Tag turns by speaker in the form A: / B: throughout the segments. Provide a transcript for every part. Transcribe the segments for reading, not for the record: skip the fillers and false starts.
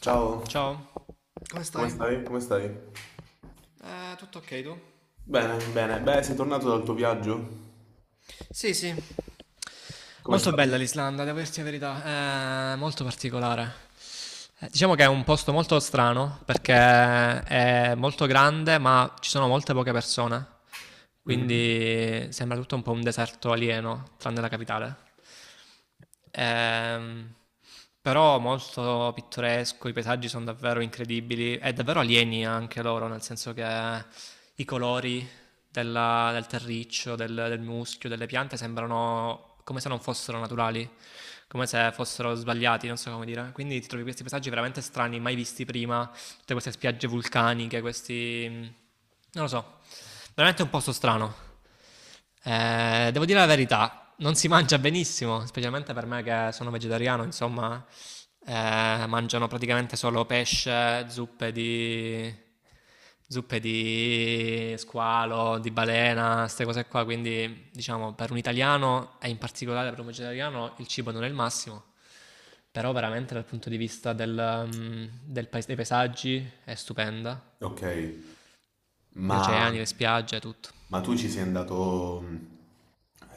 A: Ciao,
B: Ciao, come
A: come
B: stai?
A: stai? Come stai?
B: Tutto ok tu?
A: Bene, bene. Beh, sei tornato dal tuo viaggio?
B: Sì, sì.
A: Com'è
B: Molto
A: stato?
B: bella l'Islanda, devo dirti la verità, è molto particolare. Diciamo che è un posto molto strano perché è molto grande, ma ci sono molte poche persone,
A: Mhm.
B: quindi sembra tutto un po' un deserto alieno, tranne la capitale. Ehm, Però molto pittoresco, i paesaggi sono davvero incredibili e davvero alieni anche loro, nel senso che i colori del terriccio, del muschio, delle piante sembrano come se non fossero naturali, come se fossero sbagliati, non so come dire. Quindi ti trovi questi paesaggi veramente strani, mai visti prima, tutte queste spiagge vulcaniche, non lo so, veramente un posto strano. Devo dire la verità, non si mangia benissimo, specialmente per me che sono vegetariano, insomma, mangiano praticamente solo pesce, zuppe di squalo, di balena, queste cose qua. Quindi, diciamo, per un italiano, e in particolare per un vegetariano, il cibo non è il massimo. Però veramente dal punto di vista del, mm, del pais- dei paesaggi è stupenda,
A: Ok,
B: gli
A: ma,
B: oceani, le spiagge, tutto.
A: ma tu ci sei andato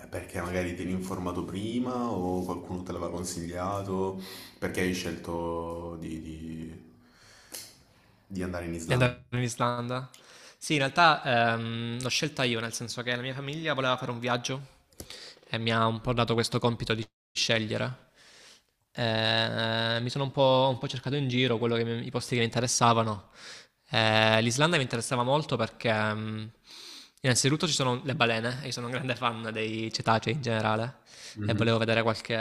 A: perché magari ti eri informato prima o qualcuno te l'aveva consigliato? Perché hai scelto di andare in
B: Di
A: Islanda?
B: andare in Islanda? Sì, in realtà l'ho scelta io, nel senso che la mia famiglia voleva fare un viaggio e mi ha un po' dato questo compito di scegliere. Mi sono un po' cercato in giro quello i posti che mi interessavano. L'Islanda mi interessava molto perché innanzitutto, ci sono le balene e io sono un grande fan dei cetacei in generale e
A: Mhm.
B: volevo vedere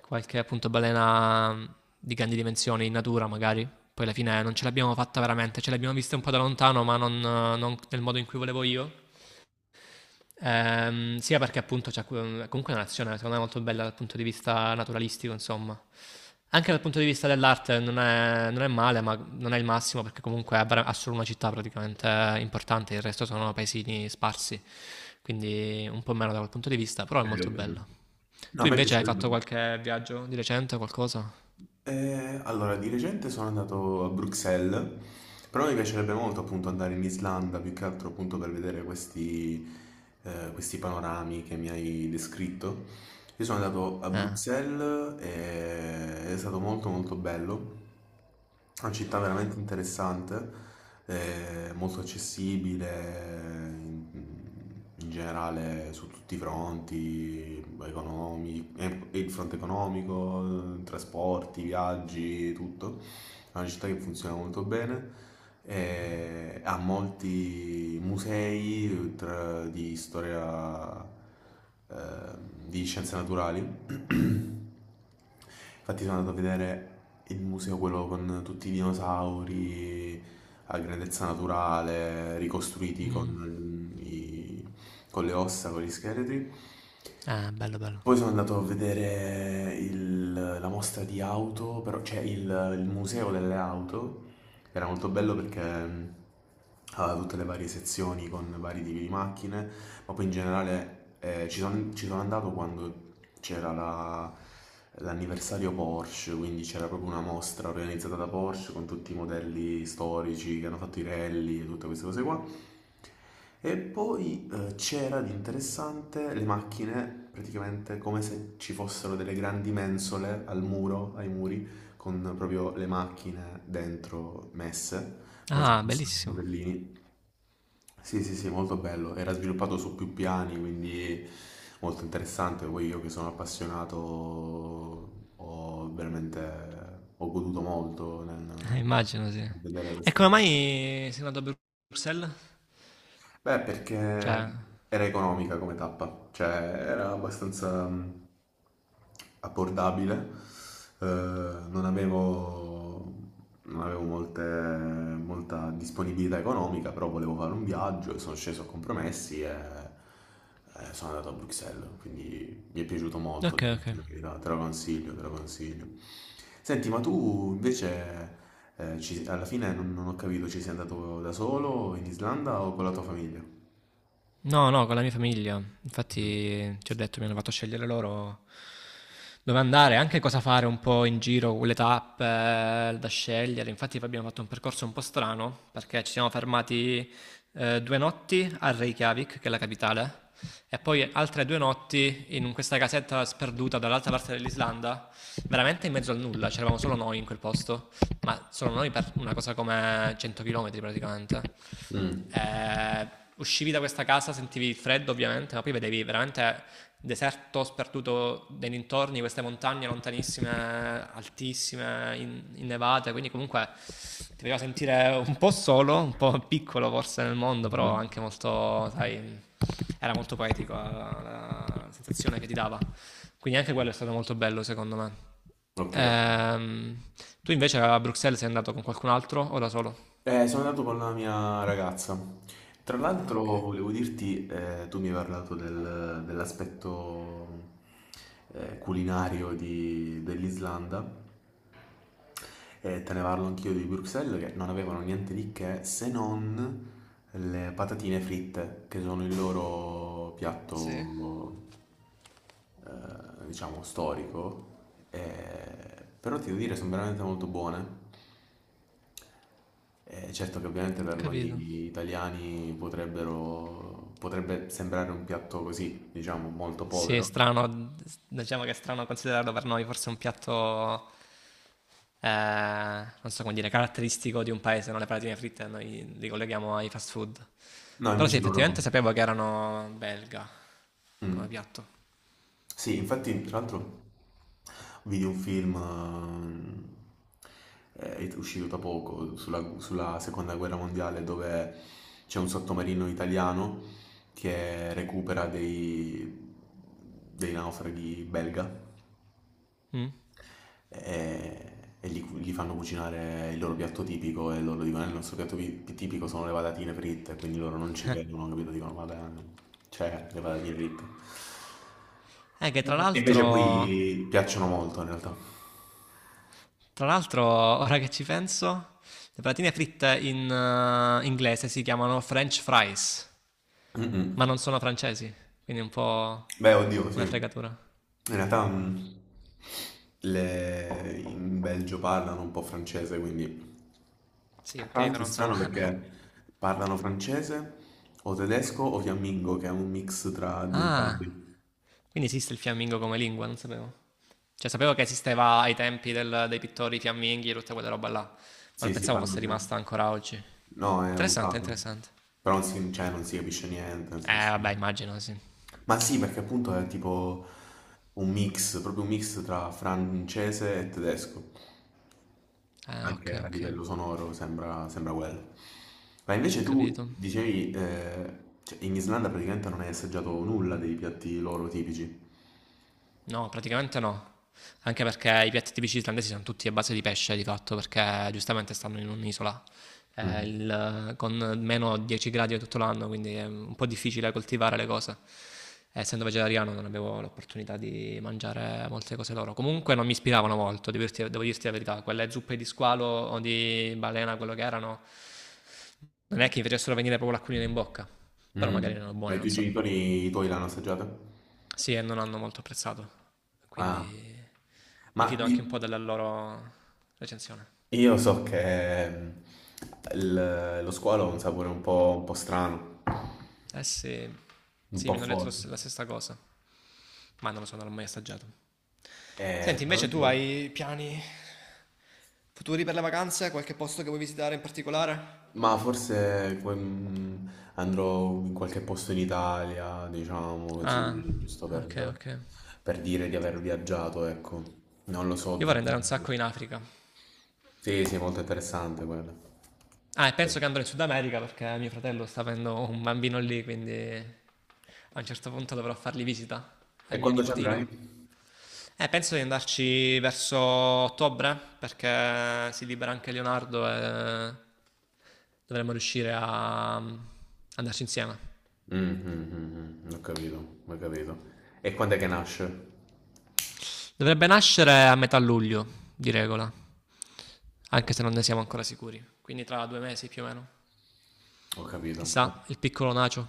B: qualche appunto balena di grandi dimensioni in natura, magari. Poi alla fine non ce l'abbiamo fatta veramente, ce l'abbiamo vista un po' da lontano, ma non nel modo in cui volevo io. Sia perché appunto c'è comunque è una nazione secondo me molto bella dal punto di vista naturalistico, insomma. Anche dal punto di vista dell'arte non è male, ma non è il massimo perché comunque ha solo una città praticamente importante, il resto sono paesini sparsi, quindi un po' meno da quel punto di vista,
A: Ok,
B: però è molto
A: ok.
B: bello.
A: No, a
B: Tu
A: me
B: invece hai fatto
A: piacerebbe.
B: qualche viaggio di recente, qualcosa?
A: Allora, di recente sono andato a Bruxelles, però mi piacerebbe molto appunto andare in Islanda, più che altro appunto per vedere questi, questi panorami che mi hai descritto. Io sono andato a
B: Eh,
A: Bruxelles e è stato molto bello. È una città veramente interessante, molto accessibile in, in generale su tutti i fronti, e il fronte economico, trasporti, viaggi, tutto. È una città che funziona molto bene, ha molti musei di storia, di scienze naturali. Infatti sono andato a vedere il museo, quello con tutti i dinosauri a grandezza naturale, ricostruiti
B: Mm.
A: con le ossa, con gli scheletri.
B: Bello
A: Poi
B: bello.
A: sono andato a vedere la mostra di auto, però, cioè il museo delle auto. Era molto bello perché aveva tutte le varie sezioni con vari tipi di macchine, ma poi in generale ci sono andato quando c'era l'anniversario Porsche, quindi c'era proprio una mostra organizzata da Porsche con tutti i modelli storici che hanno fatto i rally e tutte queste cose qua. E poi c'era di interessante le macchine, praticamente come se ci fossero delle grandi mensole al muro, ai muri, con proprio le macchine dentro messe, come se
B: Ah,
A: fossero dei
B: bellissimo.
A: modellini. Sì, sì, sì, molto bello. Era sviluppato su più piani, quindi molto interessante. Poi io che sono appassionato ho goduto molto
B: Immagino, sì.
A: nel vedere
B: E
A: questa.
B: come mai sei andato a Bruxelles?
A: Beh,
B: Cioè,
A: perché era economica come tappa, cioè era abbastanza abbordabile, eh, non avevo, non avevo molta disponibilità economica, però volevo fare un viaggio e sono sceso a compromessi e sono andato a Bruxelles, quindi mi è piaciuto molto,
B: ok,
A: devo
B: ok.
A: dire la verità, te lo consiglio, te lo consiglio. Senti, ma tu invece alla fine non ho capito, ci sei andato da solo in Islanda o con la tua famiglia?
B: No, no, con la mia famiglia.
A: Mm.
B: Infatti, ti ho detto, mi hanno fatto scegliere loro dove andare, anche cosa fare un po' in giro, le tappe da scegliere. Infatti abbiamo fatto un percorso un po' strano perché ci siamo fermati 2 notti a Reykjavik, che è la capitale, e poi altre 2 notti in questa casetta sperduta dall'altra parte dell'Islanda, veramente in mezzo al nulla, c'eravamo solo noi in quel posto, ma solo noi per una cosa come 100 km praticamente.
A: Mm.
B: Eh, Uscivi da questa casa, sentivi il freddo ovviamente, ma poi vedevi veramente deserto sperduto nei dintorni, queste montagne lontanissime, altissime, innevate, quindi comunque ti faceva sentire un po' solo, un po' piccolo forse nel mondo, però anche molto, sai, era molto poetico la sensazione che ti dava. Quindi anche
A: Mm.
B: quello è stato molto bello secondo me.
A: Ok, ok.
B: Ehm, Tu invece a Bruxelles sei andato con qualcun altro o da solo?
A: Sono andato con la mia ragazza. Tra
B: Ah,
A: l'altro
B: ok.
A: volevo dirti, tu mi hai parlato dell'aspetto culinario dell'Islanda e te ne parlo anch'io di Bruxelles, che non avevano niente di che se non le patatine fritte, che sono il loro
B: Sì.
A: piatto diciamo, storico, però ti devo dire, sono veramente molto buone. Certo che ovviamente
B: Ho
A: per
B: capito.
A: noi italiani potrebbe sembrare un piatto così, diciamo, molto
B: Sì, è
A: povero.
B: strano, diciamo che è strano considerarlo per noi forse un piatto, eh, non so come dire, caratteristico di un paese, non le patatine fritte, noi li colleghiamo ai fast food.
A: No,
B: Però sì,
A: invece loro... no.
B: effettivamente sapevo che erano belga come
A: Mm.
B: piatto.
A: Sì, infatti, tra l'altro, vidi un film è uscito da poco sulla seconda guerra mondiale, dove c'è un sottomarino italiano che recupera dei naufraghi belga
B: Mm.
A: e, e gli fanno cucinare il loro piatto tipico e loro dicono: il nostro piatto tipico sono le patatine fritte", quindi loro non ci credono, capito? Dicono: "Vabbè, no". Cioè, le patatine fritte.
B: Che
A: Invece poi piacciono molto in realtà.
B: tra l'altro, ora che ci penso, le patatine fritte in inglese si chiamano French fries, ma
A: Mm-mm.
B: non sono francesi, quindi è un po'
A: Beh, oddio, sì.
B: una fregatura.
A: In realtà in Belgio parlano un po' francese, quindi...
B: Sì,
A: Tra
B: ok,
A: l'altro è
B: però
A: strano
B: insomma.
A: perché parlano francese o tedesco o fiammingo, che è un mix tra di
B: Ah,
A: entrambi.
B: quindi esiste il fiammingo come lingua, non sapevo. Cioè, sapevo che esisteva ai tempi dei pittori fiamminghi e tutta quella roba là, ma non
A: Sì, sì,
B: pensavo
A: parlo
B: fosse
A: per-
B: rimasta ancora oggi.
A: No, è
B: Interessante,
A: usato,
B: interessante.
A: però non si, cioè, non si capisce niente, nel senso...
B: Vabbè, immagino, sì.
A: Ma sì, perché appunto è tipo un mix, proprio un mix tra francese e tedesco,
B: Ah, ok,
A: anche a
B: ok,
A: livello sonoro sembra quello. Ma
B: ho
A: invece
B: capito.
A: tu dicevi, cioè, in Islanda praticamente non hai assaggiato nulla dei piatti loro tipici.
B: No, praticamente no. Anche perché i piatti tipici islandesi sono tutti a base di pesce di fatto, perché giustamente stanno in un'isola
A: Mm.
B: con meno 10 gradi tutto l'anno, quindi è un po' difficile coltivare le cose. Essendo vegetariano non avevo l'opportunità di mangiare molte cose loro. Comunque non mi ispiravano molto, devo dirti la verità. Quelle zuppe di squalo o di balena, quello che erano, non è che mi facessero venire proprio l'acquolina in bocca. Però magari
A: Mm.
B: erano
A: Ma
B: buone,
A: i
B: non
A: tuoi
B: so.
A: genitori, i tuoi l'hanno assaggiata?
B: Sì, e non hanno molto apprezzato,
A: Ah,
B: quindi mi
A: ma
B: fido
A: di-
B: anche un po' della loro recensione.
A: io so che lo squalo ha un sapore un po' strano,
B: Eh sì,
A: un
B: sì,
A: po'
B: mi hanno detto
A: forte.
B: la stessa cosa, ma non lo so, non l'ho mai assaggiato.
A: E,
B: Senti,
A: tra
B: invece tu
A: l'altro,
B: hai piani futuri per le vacanze? Qualche posto che vuoi visitare in particolare?
A: ma forse que- mm, andrò in qualche posto in Italia, diciamo
B: Ah,
A: così, giusto
B: ok, ok.
A: per dire di aver viaggiato, ecco. Non lo so.
B: Io vorrei andare un sacco in Africa.
A: Sì, sì, è molto interessante quello.
B: Ah, e
A: Sì.
B: penso che andrò in Sud America perché mio fratello sta avendo un bambino lì, quindi a un certo punto dovrò fargli visita
A: E
B: al mio
A: quando ci andrai?
B: nipotino. Penso di andarci verso ottobre, perché si libera anche Leonardo e dovremmo riuscire a andarci insieme.
A: Mm, mm, mm, mm, ho capito, ho capito. E quando è che nasce?
B: Dovrebbe nascere a metà luglio, di regola, anche se non ne siamo ancora sicuri. Quindi tra 2 mesi più o meno.
A: Ho capito.
B: Chissà, il piccolo Nacio.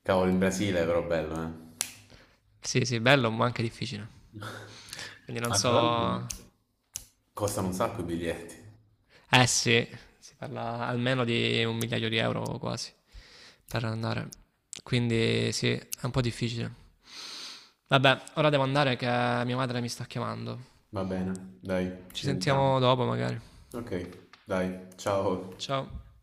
A: Cavolo, in Brasile è però bello, eh.
B: Sì, sì, bello, ma anche difficile. Quindi non
A: Ah, tra l'altro
B: so...
A: costano un sacco i biglietti.
B: Eh sì, si parla almeno di un migliaio di euro quasi per andare. Quindi sì, è un po' difficile. Vabbè, ora devo andare che mia madre mi sta chiamando.
A: Va bene, dai,
B: Ci
A: ci sentiamo.
B: sentiamo dopo magari.
A: Ok, dai, ciao.
B: Ciao.